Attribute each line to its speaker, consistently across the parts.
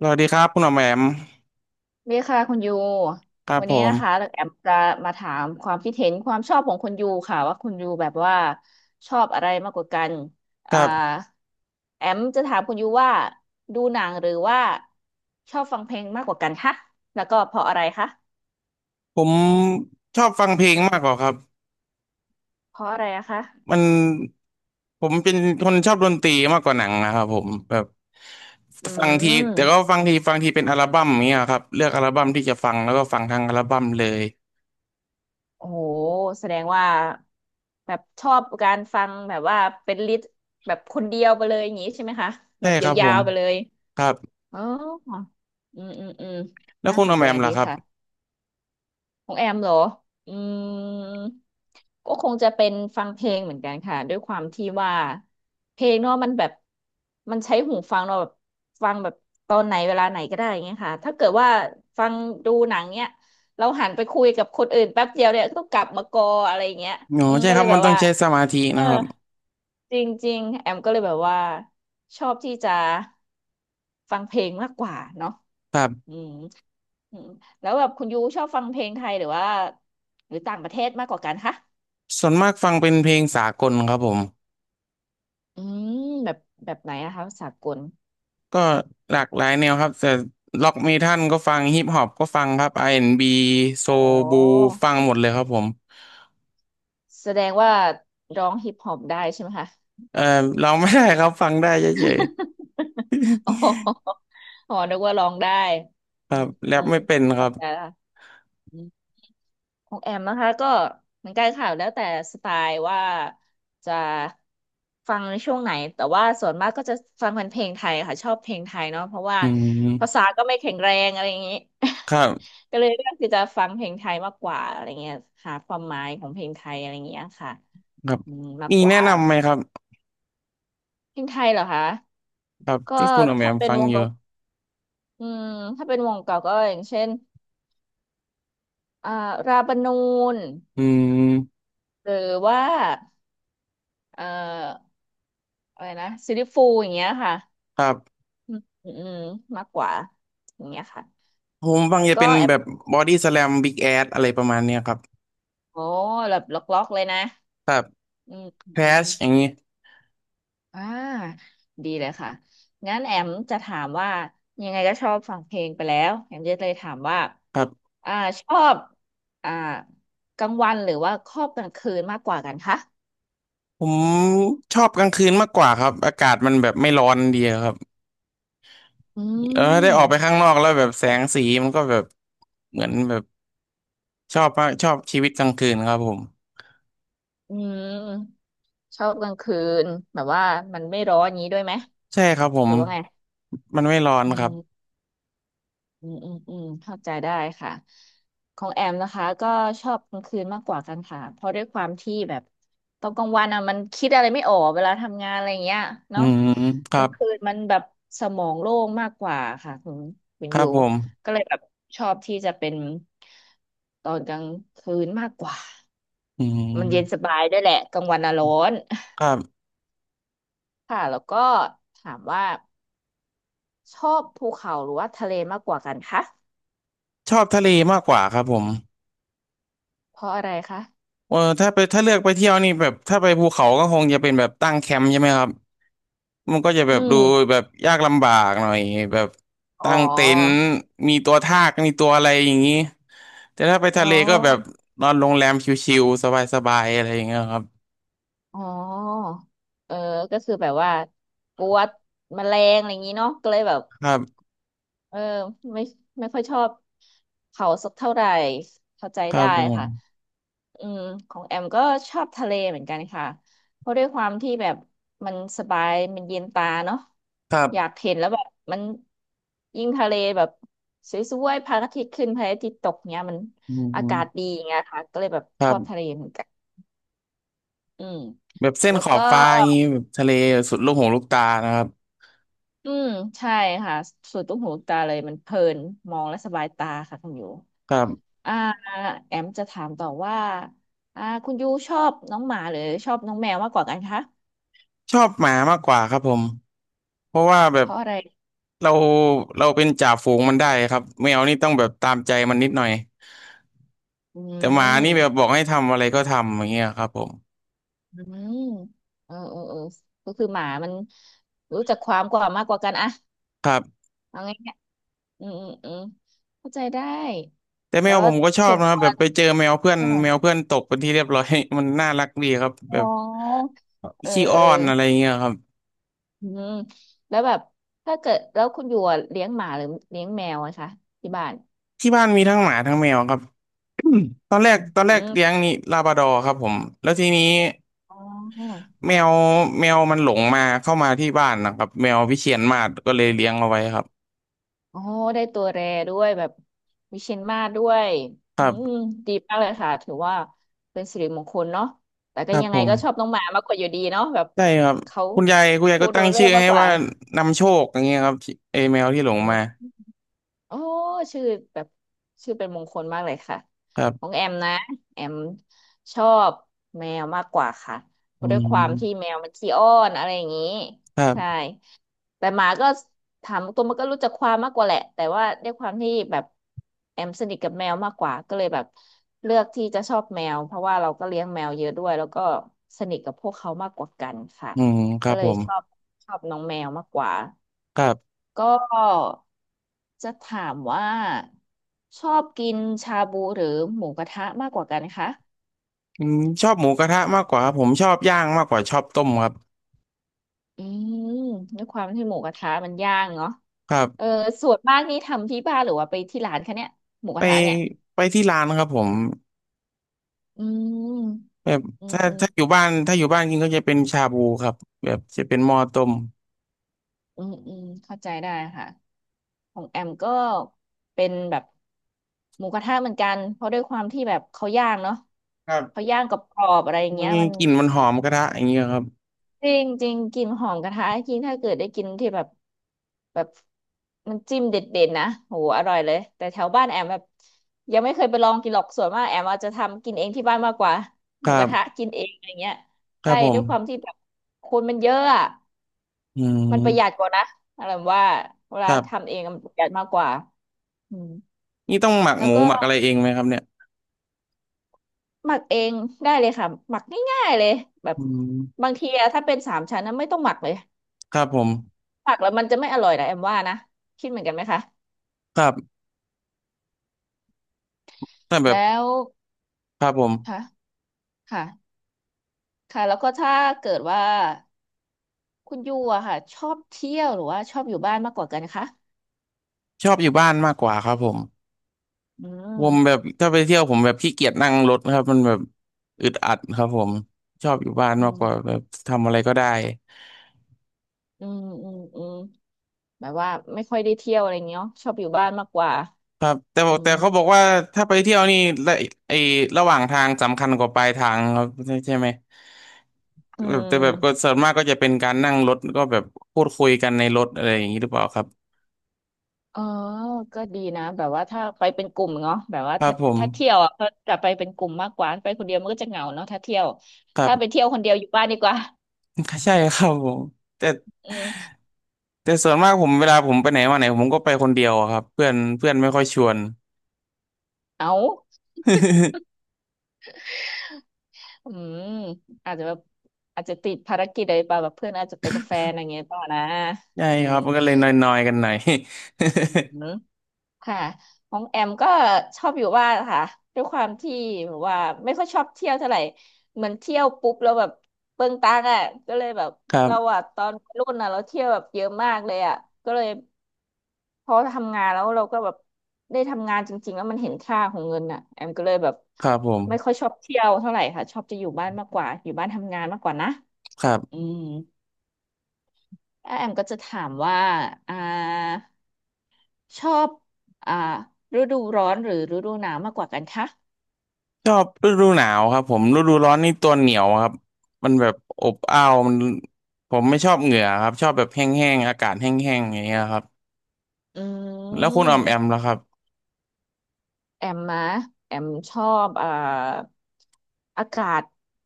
Speaker 1: สวัสดีครับคุณหมอแหม่ม
Speaker 2: ดีค่ะคุณยู
Speaker 1: ครับ
Speaker 2: วัน
Speaker 1: ผ
Speaker 2: นี้
Speaker 1: ม
Speaker 2: นะคะแอมจะมาถามความคิดเห็นความชอบของคุณยูค่ะว่าคุณยูแบบว่าชอบอะไรมากกว่ากัน
Speaker 1: ค
Speaker 2: อ่า
Speaker 1: รับ
Speaker 2: แอมจะถามคุณยูว่าดูหนังหรือว่าชอบฟังเพลงมากกว่ากันคะแล้วก็เพราะอะไรคะ
Speaker 1: ผมชอบฟังเพลง
Speaker 2: อื
Speaker 1: มากกว่า
Speaker 2: ม
Speaker 1: ครับ
Speaker 2: เพราะอะไรอะคะ
Speaker 1: มันผมเป็นคนชอบดนตรีมากกว่าหนังนะครับผมแบบ
Speaker 2: อื
Speaker 1: ฟังทีแต่ก็
Speaker 2: ม
Speaker 1: ฟังทีเป็นอัลบั้มอย่างเงี้ยครับเลือกอัลบั้มที่จะฟังแล้วก็ฟังทั้งอัลบั้มเลย
Speaker 2: โอ้โหแสดงว่าแบบชอบการฟังแบบว่าเป็นลิสต์แบบคนเดียวไปเลยอย่างนี้ใช่ไหมคะแบ
Speaker 1: ใช่
Speaker 2: บย
Speaker 1: ครับผ
Speaker 2: า
Speaker 1: ม
Speaker 2: วๆไปเลย
Speaker 1: ครับ
Speaker 2: อ๋ออืมอืมอืม
Speaker 1: แล้ว
Speaker 2: น่า
Speaker 1: คุณ
Speaker 2: ส
Speaker 1: หม
Speaker 2: น
Speaker 1: อแห
Speaker 2: ใจ
Speaker 1: ม่ม
Speaker 2: ดี
Speaker 1: ล่ะครับ
Speaker 2: ค่ะของแอมเหรออืมก็คงจะเป็นฟังเพลงเหมือนกันค่ะด้วยความที่ว่าเพลงเนาะมันแบบ มันใช้หูฟังเราะแบบฟังแบบตอนไหนเวลาไหนก็ได้อย่างเงี้ยค่ะถ้าเกิดว่าฟังดูหนังเนี้ยเราหันไปคุยกับคนอื่นแป๊บเดียวเนี่ยก็ต้องกลับมากออะไรอย่างเงี้ย
Speaker 1: อ๋อ
Speaker 2: อืม
Speaker 1: ใช่
Speaker 2: ก็
Speaker 1: ค
Speaker 2: เล
Speaker 1: รับ
Speaker 2: ยแบ
Speaker 1: มัน
Speaker 2: บ
Speaker 1: ต้อง
Speaker 2: ว่า
Speaker 1: ใช้สมาธิ
Speaker 2: เออ
Speaker 1: นะครับ
Speaker 2: จริงๆแอมก็เลยแบบว่าชอบที่จะฟังเพลงมากกว่าเนาะ
Speaker 1: ครั
Speaker 2: อื
Speaker 1: บ
Speaker 2: มอืมแล้วแบบคุณยูชอบฟังเพลงไทยหรือว่าหรือต่างประเทศมากกว่ากันคะ
Speaker 1: ส่วนมากฟังเป็นเพลงสากลครับผม
Speaker 2: อืมแบบแบบไหนนะคะสากล
Speaker 1: ก็หลากหลายแนวครับแต่ล็อกเมทัลก็ฟังฮิปฮอปก็ฟังครับ R&B โซ
Speaker 2: อ๋อ
Speaker 1: บูฟังหมดเลยครับผม
Speaker 2: แสดงว่าร้องฮิปฮอปได้ใช่ไหมคะ
Speaker 1: เออเราไม่ได้ครับฟังได้เฉย
Speaker 2: อ๋ออ๋อนึกว่าร้องได้
Speaker 1: ๆค
Speaker 2: อื
Speaker 1: รับ
Speaker 2: ม
Speaker 1: แร
Speaker 2: อื
Speaker 1: ป
Speaker 2: ม
Speaker 1: ไม่เป็นค
Speaker 2: เข้า
Speaker 1: รับ
Speaker 2: ใจละ ของแอมนะคะก็เหมือนกันค่ะแล้วแต่สไตล์ว่าจะฟังในช่วงไหนแต่ว่าส่วนมากก็จะฟังเป็นเพลงไทยค่ะชอบเพลงไทยเนาะเพราะว่า
Speaker 1: อื
Speaker 2: ภาษา
Speaker 1: ม
Speaker 2: ก็ไม่แข็งแรงอะไรอย่างนี้
Speaker 1: ครับ
Speaker 2: ก็เลยเลือกที่จะฟังเพลงไทยมากกว่าอะไรเงี้ยหาความหมายของเพลงไทยอะไรอย่างเงี้ยค่ะ
Speaker 1: ครับ
Speaker 2: อืมมาก
Speaker 1: มี
Speaker 2: กว่า
Speaker 1: แนะนำไหมครับ
Speaker 2: เพลงไทยเหรอคะ
Speaker 1: ครับ
Speaker 2: ก็
Speaker 1: ที่คุณออกแบ
Speaker 2: ถ้า
Speaker 1: บ
Speaker 2: เป็น
Speaker 1: ฟัง
Speaker 2: วง
Speaker 1: อยู่
Speaker 2: เก่าอืมถ้าเป็นวงเก่าก็อย่างเช่นอ่าราบานูน
Speaker 1: อืม
Speaker 2: หรือว่าเอ่อ อะไรนะซีรี่ฟูลอย่างเงี้ยค่ะ
Speaker 1: ครับ
Speaker 2: อืมอืมอืมมากกว่าอย่างเงี้ยค่ะ
Speaker 1: ผมฟัง
Speaker 2: แล้ว
Speaker 1: จะ
Speaker 2: ก็
Speaker 1: เป็น
Speaker 2: แอบ
Speaker 1: แบบบอดี้ส a ลมบิ๊กแอดอะไรประมาณเนี้ยครับ
Speaker 2: โอ้แบบล็อกล็อกเลยนะ
Speaker 1: แบบ
Speaker 2: อืมอืม
Speaker 1: แคล
Speaker 2: อ
Speaker 1: ช
Speaker 2: ม
Speaker 1: อย่างนี้
Speaker 2: อ่าดีเลยค่ะงั้นแอมจะถามว่ายังไงก็ชอบฟังเพลงไปแล้วแอมจะเลยถามว่า
Speaker 1: ครับ
Speaker 2: อ่าชอบอ่ากลางวันหรือว่าชอบกลางคืนมากกว่ากันคะ
Speaker 1: ผมชอบกลางคืนมากกว่าครับอากาศมันแบบไม่ร้อนดีครับ
Speaker 2: อื
Speaker 1: เออได้
Speaker 2: ม
Speaker 1: ออกไปข้างนอกแล้วแบบแสงสีมันก็แบบเหมือนแบบชอบมากชอบชีวิตกลางคืนครับผม
Speaker 2: อืมชอบกลางคืนแบบว่ามันไม่ร้อนอย่างนี้ด้วยไหม
Speaker 1: ใช่ครับผ
Speaker 2: ห
Speaker 1: ม
Speaker 2: รือว่าไง
Speaker 1: มันไม่ร้อน
Speaker 2: อ
Speaker 1: ครับ
Speaker 2: ื อืมอืมอืมเข้าใจได้ค่ะของแอมนะคะก็ชอบกลางคืนมากกว่ากันค่ะเพราะด้วยความที่แบบตอนกลางวันอ่ะมันคิดอะไรไม่ออกเวลาทำงานอะไรอย่างเงี้ย
Speaker 1: อื
Speaker 2: เนาะ
Speaker 1: มค
Speaker 2: ก
Speaker 1: รั
Speaker 2: ลาง
Speaker 1: บ
Speaker 2: คืนมันแบบสมองโล่งมากกว่าค่ะคุณ
Speaker 1: ค
Speaker 2: อ
Speaker 1: รับ
Speaker 2: ยู่
Speaker 1: ผม
Speaker 2: ก็เลยแบบชอบที่จะเป็นตอนกลางคืนมากกว่า
Speaker 1: อื
Speaker 2: มันเย็นส
Speaker 1: ม
Speaker 2: บายด้วยแหละกลางวันอ่ะร้อน
Speaker 1: ครับ
Speaker 2: ค่ะแล้วก็ถามว่าชอบภูเขาหรือว่าทะเลมากกว่ากันคะ
Speaker 1: ชอบทะเลมากกว่าครับผม
Speaker 2: เพราะอะไรคะ
Speaker 1: เออถ้าไปเลือกไปเที่ยวนี่แบบถ้าไปภูเขาก็คงจะเป็นแบบตั้งแคมป์ใช่ไหมครับมันก็จะแบ
Speaker 2: อื
Speaker 1: บดู
Speaker 2: ม
Speaker 1: แบบยากลำบากหน่อยแบบ
Speaker 2: อ๋อ
Speaker 1: ตั้งเต็นท์มีตัวทากมีตัวอะไรอย่างนี้แต่ถ้าไปทะ
Speaker 2: อ๋
Speaker 1: เลก็แบบ
Speaker 2: อ
Speaker 1: นอนโรงแรมชิลๆสบายๆอะไรอย่างเงี้ยครับ
Speaker 2: อ๋อเออก็คือแบบว่ากลัวแมลงอะไรอย่างนี้เนาะก็เลยแบบ
Speaker 1: ครับ
Speaker 2: เออไม่ไม่ค่อยชอบเขาสักเท่าไหร่เข้าใจ
Speaker 1: ครั
Speaker 2: ได้
Speaker 1: บผม
Speaker 2: ค่ะอืมของแอมก็ชอบทะเลเหมือนกันค่ะเพราะด้วยความที่แบบมันสบายมันเย็นตาเนาะ
Speaker 1: ครับ
Speaker 2: อยากเห็นแล้วแบบมันยิ่งทะเลแบบสวยๆพระอาทิตย์ขึ้นพระอาทิตย์ตกเนี้ยมัน
Speaker 1: อื
Speaker 2: อากาศดี
Speaker 1: ม
Speaker 2: อย่างเงี้ยค่ะก็เลยแบบ
Speaker 1: ค
Speaker 2: ช
Speaker 1: รั
Speaker 2: อ
Speaker 1: บ
Speaker 2: บทะเลเหมือนกันอืม
Speaker 1: แบบเส้น
Speaker 2: แล้ว
Speaker 1: ขอบ
Speaker 2: ก็
Speaker 1: ฟ้าอย่างนี้แบบทะเลสุดลูกหูลูกตานะครับ
Speaker 2: อืมใช่ค่ะส่ดนตุ้หูลูกตาเลยมันเพลินมองและสบายตาค่ะคุณยู
Speaker 1: ครับ
Speaker 2: อ่าแอมจะถามต่อว่าคุณยูชอบน้องหมาหรือชอบน้องแมวมากกว่ากันคะ
Speaker 1: ชอบหมามากกว่าครับผม เพราะว่าแบ
Speaker 2: เพ
Speaker 1: บ
Speaker 2: ราะอะไร
Speaker 1: เราเป็นจ่าฝูงมันได้ครับแมวนี่ต้องแบบตามใจมันนิดหน่อย
Speaker 2: อื
Speaker 1: แต่หมานี่แบบ
Speaker 2: ม
Speaker 1: บอกให้ทำอะไรก็ทำอย่างเงี้ยครับผม
Speaker 2: อืมเออเออเออก็คือหมามันรู้จักความกว่ามากกว่ากันอะ
Speaker 1: ครับ
Speaker 2: เอาง่ายๆอืมอืมอืมเข้าใจได้
Speaker 1: แต่แม
Speaker 2: แล้ว
Speaker 1: วผ
Speaker 2: ว่า
Speaker 1: มก็ชอบ
Speaker 2: ส่วน
Speaker 1: นะค
Speaker 2: ตั
Speaker 1: รับ
Speaker 2: ว
Speaker 1: แบบไปเจอแมวเพื่อน
Speaker 2: อ่า
Speaker 1: ตกเป็นที่เรียบร้อย มันน่ารักดีครับแบ
Speaker 2: อ๋
Speaker 1: บ
Speaker 2: อเออ
Speaker 1: ขี้อ้
Speaker 2: เอ
Speaker 1: อ
Speaker 2: อ
Speaker 1: นอะไรเงี้ยครับ
Speaker 2: อืมแล้วแบบถ้าเกิดแล้วคุณอยู่อะเลี้ยงหมาหรือเลี้ยงแมวอะคะที่บ้าน
Speaker 1: ที่บ้านมีทั้งหมาทั้งแมวครับ ตอนแรก
Speaker 2: อืมอม
Speaker 1: เลี้ยงนี่ลาบราดอร์ครับผมแล้วทีนี้
Speaker 2: อ๋อ
Speaker 1: แมวมันหลงมาเข้ามาที่บ้านนะครับแมววิเชียรมาศก็เลยเลี้ยงเอาไว้ครับ
Speaker 2: อ๋อได้ตัวแรด้วยแบบวิเชียรมาศด้วยอืมดีมากเลยค่ะถือว่าเป็นสิริมงคลเนาะแต่
Speaker 1: ค
Speaker 2: ก็
Speaker 1: รับ
Speaker 2: ยัง
Speaker 1: ผ
Speaker 2: ไงก็ชอบ
Speaker 1: ม
Speaker 2: น้องหมามากกว่าอยู่ดีเนาะแบบ
Speaker 1: ได้ครับ
Speaker 2: เขา
Speaker 1: คุณยาย
Speaker 2: พู
Speaker 1: ก็
Speaker 2: ด
Speaker 1: ตั้
Speaker 2: รู้
Speaker 1: ง
Speaker 2: เรื่
Speaker 1: ชื่
Speaker 2: อง
Speaker 1: อ
Speaker 2: มาก
Speaker 1: ให้
Speaker 2: กว่า
Speaker 1: ว่านำโชคอย่างเงี้ยครับที่ไอแมวที่หลง
Speaker 2: อ
Speaker 1: มา
Speaker 2: ื โอ้ชื่อแบบชื่อเป็นมงคลมากเลยค่ะ
Speaker 1: ครั
Speaker 2: ขอ
Speaker 1: บ
Speaker 2: งแอมนะแอมชอบแมวมากกว่าค่ะเพ
Speaker 1: อื
Speaker 2: ราะด้วยความที่
Speaker 1: ม
Speaker 2: แมวมันขี้อ้อนอะไรอย่างนี้
Speaker 1: ครั
Speaker 2: ใช่
Speaker 1: บ
Speaker 2: แต่หมาก็ถามตัวมันก็รู้จักความมากกว่าแหละแต่ว่าด้วยความที่แบบแอมสนิทกับแมวมากกว่าก็เลยแบบเลือกที่จะชอบแมวเพราะว่าเราก็เลี้ยงแมวเยอะด้วยแล้วก็สนิทกับพวกเขามากกว่ากันค่ะ
Speaker 1: อืมค
Speaker 2: ก็
Speaker 1: รับ
Speaker 2: เล
Speaker 1: ผ
Speaker 2: ย
Speaker 1: ม
Speaker 2: ชอบน้องแมวมากกว่า
Speaker 1: ครับ
Speaker 2: ก็จะถามว่าชอบกินชาบูหรือหมูกระทะมากกว่ากันคะ
Speaker 1: อืมชอบหมูกระทะมากกว่าครับผมชอบย่างมากกว่าชอบต้มครับ
Speaker 2: อืมด้วยความที่หมูกระทะมันย่างเนาะ
Speaker 1: ครับ
Speaker 2: เออส่วนมากนี่ทำที่บ้านหรือว่าไปที่ร้านคะเนี่ยหมูก
Speaker 1: ไป
Speaker 2: ระทะเนี่ย
Speaker 1: ที่ร้านครับผม
Speaker 2: อืม
Speaker 1: แบบ
Speaker 2: อืม
Speaker 1: ถ้า
Speaker 2: อืม
Speaker 1: อยู่บ้านกินก็จะเป็นชาบูครับแบบจะเป็นหม้อต้ม
Speaker 2: อืมอืมเข้าใจได้ค่ะของแอมก็เป็นแบบหมูกระทะเหมือนกันเพราะด้วยความที่แบบเขาย่างเนาะ
Speaker 1: ครั
Speaker 2: เขา
Speaker 1: บ
Speaker 2: ย่างกรอบๆอะไรอย่าง
Speaker 1: มั
Speaker 2: เงี้
Speaker 1: น
Speaker 2: ยมัน
Speaker 1: กลิ่นมันหอมกระทะอย่างเงี้ยครับ
Speaker 2: จริงจริงกลิ่นหอมกระทะจริงถ้าเกิดได้กินที่แบบแบบมันจิ้มเด็ดๆนะโหอร่อยเลยแต่แถวบ้านแอมแบบยังไม่เคยไปลองกินหรอกส่วนมากแอมอาจจะทำกินเองที่บ้านมากกว่าห
Speaker 1: ค
Speaker 2: มู
Speaker 1: รั
Speaker 2: กระทะ
Speaker 1: บ
Speaker 2: กินเองอะไรเงี้ย
Speaker 1: ค
Speaker 2: ใช่
Speaker 1: รับผ
Speaker 2: ด้
Speaker 1: ม
Speaker 2: วยความที่แบบคนมันเยอะอะ
Speaker 1: อื
Speaker 2: มันประหยัด
Speaker 1: ม
Speaker 2: กว่านะอะไรว่าเว
Speaker 1: ค
Speaker 2: ลา
Speaker 1: รับ
Speaker 2: ทำเองมันประหยัดมากกว่าอืม
Speaker 1: นี่ต้องหมัก
Speaker 2: แล้
Speaker 1: ห
Speaker 2: ว
Speaker 1: มู
Speaker 2: ก็
Speaker 1: หมักอะไรเองไหมครับเนี่ย
Speaker 2: หมักเองได้เลยค่ะหมักง่ายๆเลยแบบ
Speaker 1: อืม
Speaker 2: บางทีอะถ้าเป็นสามชั้นนะไม่ต้องหมักเลย
Speaker 1: ครับผม
Speaker 2: ผักแล้วมันจะไม่อร่อยนะแอมว่านะคิดเหมือนกันไหมคะ
Speaker 1: ครับแต่แบบ
Speaker 2: แล้ว
Speaker 1: ครับผม
Speaker 2: ค่ะค่ะค่ะแล้วก็ถ้าเกิดว่าคุณยูอะค่ะชอบเที่ยวหรือว่าชอบอยู่บ้านมากกว่ากันคะ
Speaker 1: ชอบอยู่บ้านมากกว่าครับผม
Speaker 2: อื
Speaker 1: ผมแบบ
Speaker 2: ม
Speaker 1: ถ้าไปเที่ยวผมแบบขี้เกียจนั่งรถครับมันแบบอึดอัดครับผมชอบอยู่บ้าน
Speaker 2: อื
Speaker 1: มากกว่า
Speaker 2: ม
Speaker 1: แบบทำอะไรก็ได้
Speaker 2: อืมอืมอืมแบบว่าไม่ค่อยได้เที่ยวอะไรเงี้ยเนอะชอบอยู่บ้านมากกว่า
Speaker 1: ครับแต่บ
Speaker 2: อื
Speaker 1: อก
Speaker 2: ม
Speaker 1: เขาบอกว่าถ้าไปเที่ยวนี่ระไอ้ระหว่างทางสำคัญกว่าปลายทางครับใช่ไหม
Speaker 2: อื
Speaker 1: แบบแต่แบบก็
Speaker 2: ม
Speaker 1: ส่วนมากก็จะเป็นการนั่งรถก็แบบพูดคุยกันในรถอะไรอย่างนี้หรือเปล่าครับ
Speaker 2: อ๋อก็ดีนะแบบว่าถ้าไปเป็นกลุ่มเนาะแบบว่า
Speaker 1: ครั
Speaker 2: ถ้า
Speaker 1: บผม
Speaker 2: ถ้าเที่ยวอ่ะก็จะไปเป็นกลุ่มมากกว่าไปคนเดียวมันก็จะเหงาเนาะถ้าเที่ยว
Speaker 1: ครับ
Speaker 2: ถ้าไปเที่ยวคนเดียวอยู่บ้านดีกว่า
Speaker 1: ใช่ครับผมแต่
Speaker 2: อืม
Speaker 1: ส่วนมากผมเวลาผมไปไหนมาไหนผมก็ไปคนเดียวอะครับเพื่อนเพื่อนไม่ค่อยชวน
Speaker 2: เอา อืมอาจจะแบบอาจจะติดภารกิจอะไรป่ะแบบเพื่อนอาจจะไปกับแฟนอะไรเงี้ยต่อนะ
Speaker 1: ใช่
Speaker 2: อื
Speaker 1: ค
Speaker 2: ม
Speaker 1: รับมันก็เลยนอยๆกันหน่อย
Speaker 2: อืมค่ะของแอมก็ชอบอยู่บ้านค่ะด้วยความที่แบบว่าไม่ค่อยชอบเที่ยวเท่าไหร่เหมือนเที่ยวปุ๊บแล้วแบบเปลืองตังค์อ่ะก็เลยแบบ
Speaker 1: ครั
Speaker 2: เรา
Speaker 1: บ
Speaker 2: อะตอนวัยรุ่นอ่ะเราเที่ยวแบบเยอะมากเลยอ่ะก็เลยพอทำงานแล้วเราก็แบบได้ทำงานจริงๆแล้วมันเห็นค่าของเงินอ่ะแอมก็เลยแบบ
Speaker 1: ครับผม
Speaker 2: ไม่ค่อยชอบเที่ยวเท่าไหร่ค่ะชอบจะอยู่บ้านมากกว่าอยู่บ้านทำงานมากกว่านะ
Speaker 1: ครั
Speaker 2: อื
Speaker 1: บ
Speaker 2: ม แล้วแอมก็จะถามว่าอ่าชอบอ่าฤดูร้อนหรือฤดูหนาวมากกว่ากันคะ
Speaker 1: ชอบฤดูหนาวครับผมฤดูร้อนนี่ตัวเหนียวครับมันแบบอบอ้าวมันผมไม่ชอบเหงื่อครับชอบแบบแห้งๆอากาศแห้งๆอย่างเงี้ยครับ
Speaker 2: อื
Speaker 1: แล้วคุณออมแอ
Speaker 2: ม
Speaker 1: มล่ะครับ
Speaker 2: แอมนะแอมชอบอากาศ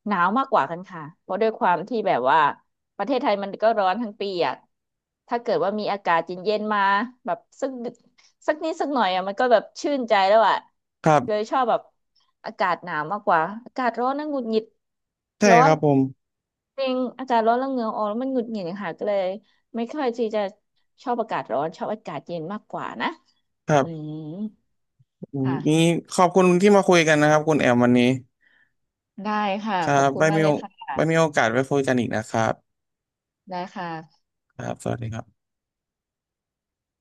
Speaker 2: หนาวมากกว่ากันค่ะเพราะด้วยความที่แบบว่าประเทศไทยมันก็ร้อนทั้งปีอ่ะถ้าเกิดว่ามีอากาศเย็นๆมาแบบสักนิดสักหน่อยอ่ะมันก็แบบชื่นใจแล้วอะ
Speaker 1: ครั
Speaker 2: เลย
Speaker 1: บ
Speaker 2: ชอบแบบอากาศหนาวมากกว่าอากาศร้อนนั่งหงุดหงิด
Speaker 1: ใช่
Speaker 2: ร้อ
Speaker 1: ค
Speaker 2: น
Speaker 1: รับผม
Speaker 2: จริงอากาศร้อนแล้วเหงื่อออกแล้วมันหงุดหงิดค่ะก็เลยไม่ค่อยที่จะชอบอากาศร้อนชอบอากาศเย็นมากกว่านะ
Speaker 1: ครั
Speaker 2: อื
Speaker 1: บ
Speaker 2: ม
Speaker 1: อืมนี่
Speaker 2: ค่ะ
Speaker 1: ขอบคุณที่มาคุยกันนะครับคุณแอมวันนี้
Speaker 2: ได้ค่ะ
Speaker 1: ครั
Speaker 2: ขอบ
Speaker 1: บ
Speaker 2: คุณ
Speaker 1: ไว้
Speaker 2: มา
Speaker 1: มี
Speaker 2: กเล
Speaker 1: โอ
Speaker 2: ยค่ะ
Speaker 1: กาสไว้คุยกันอีกนะครับ
Speaker 2: ได้ค่ะ
Speaker 1: ครับสวัสดีครับ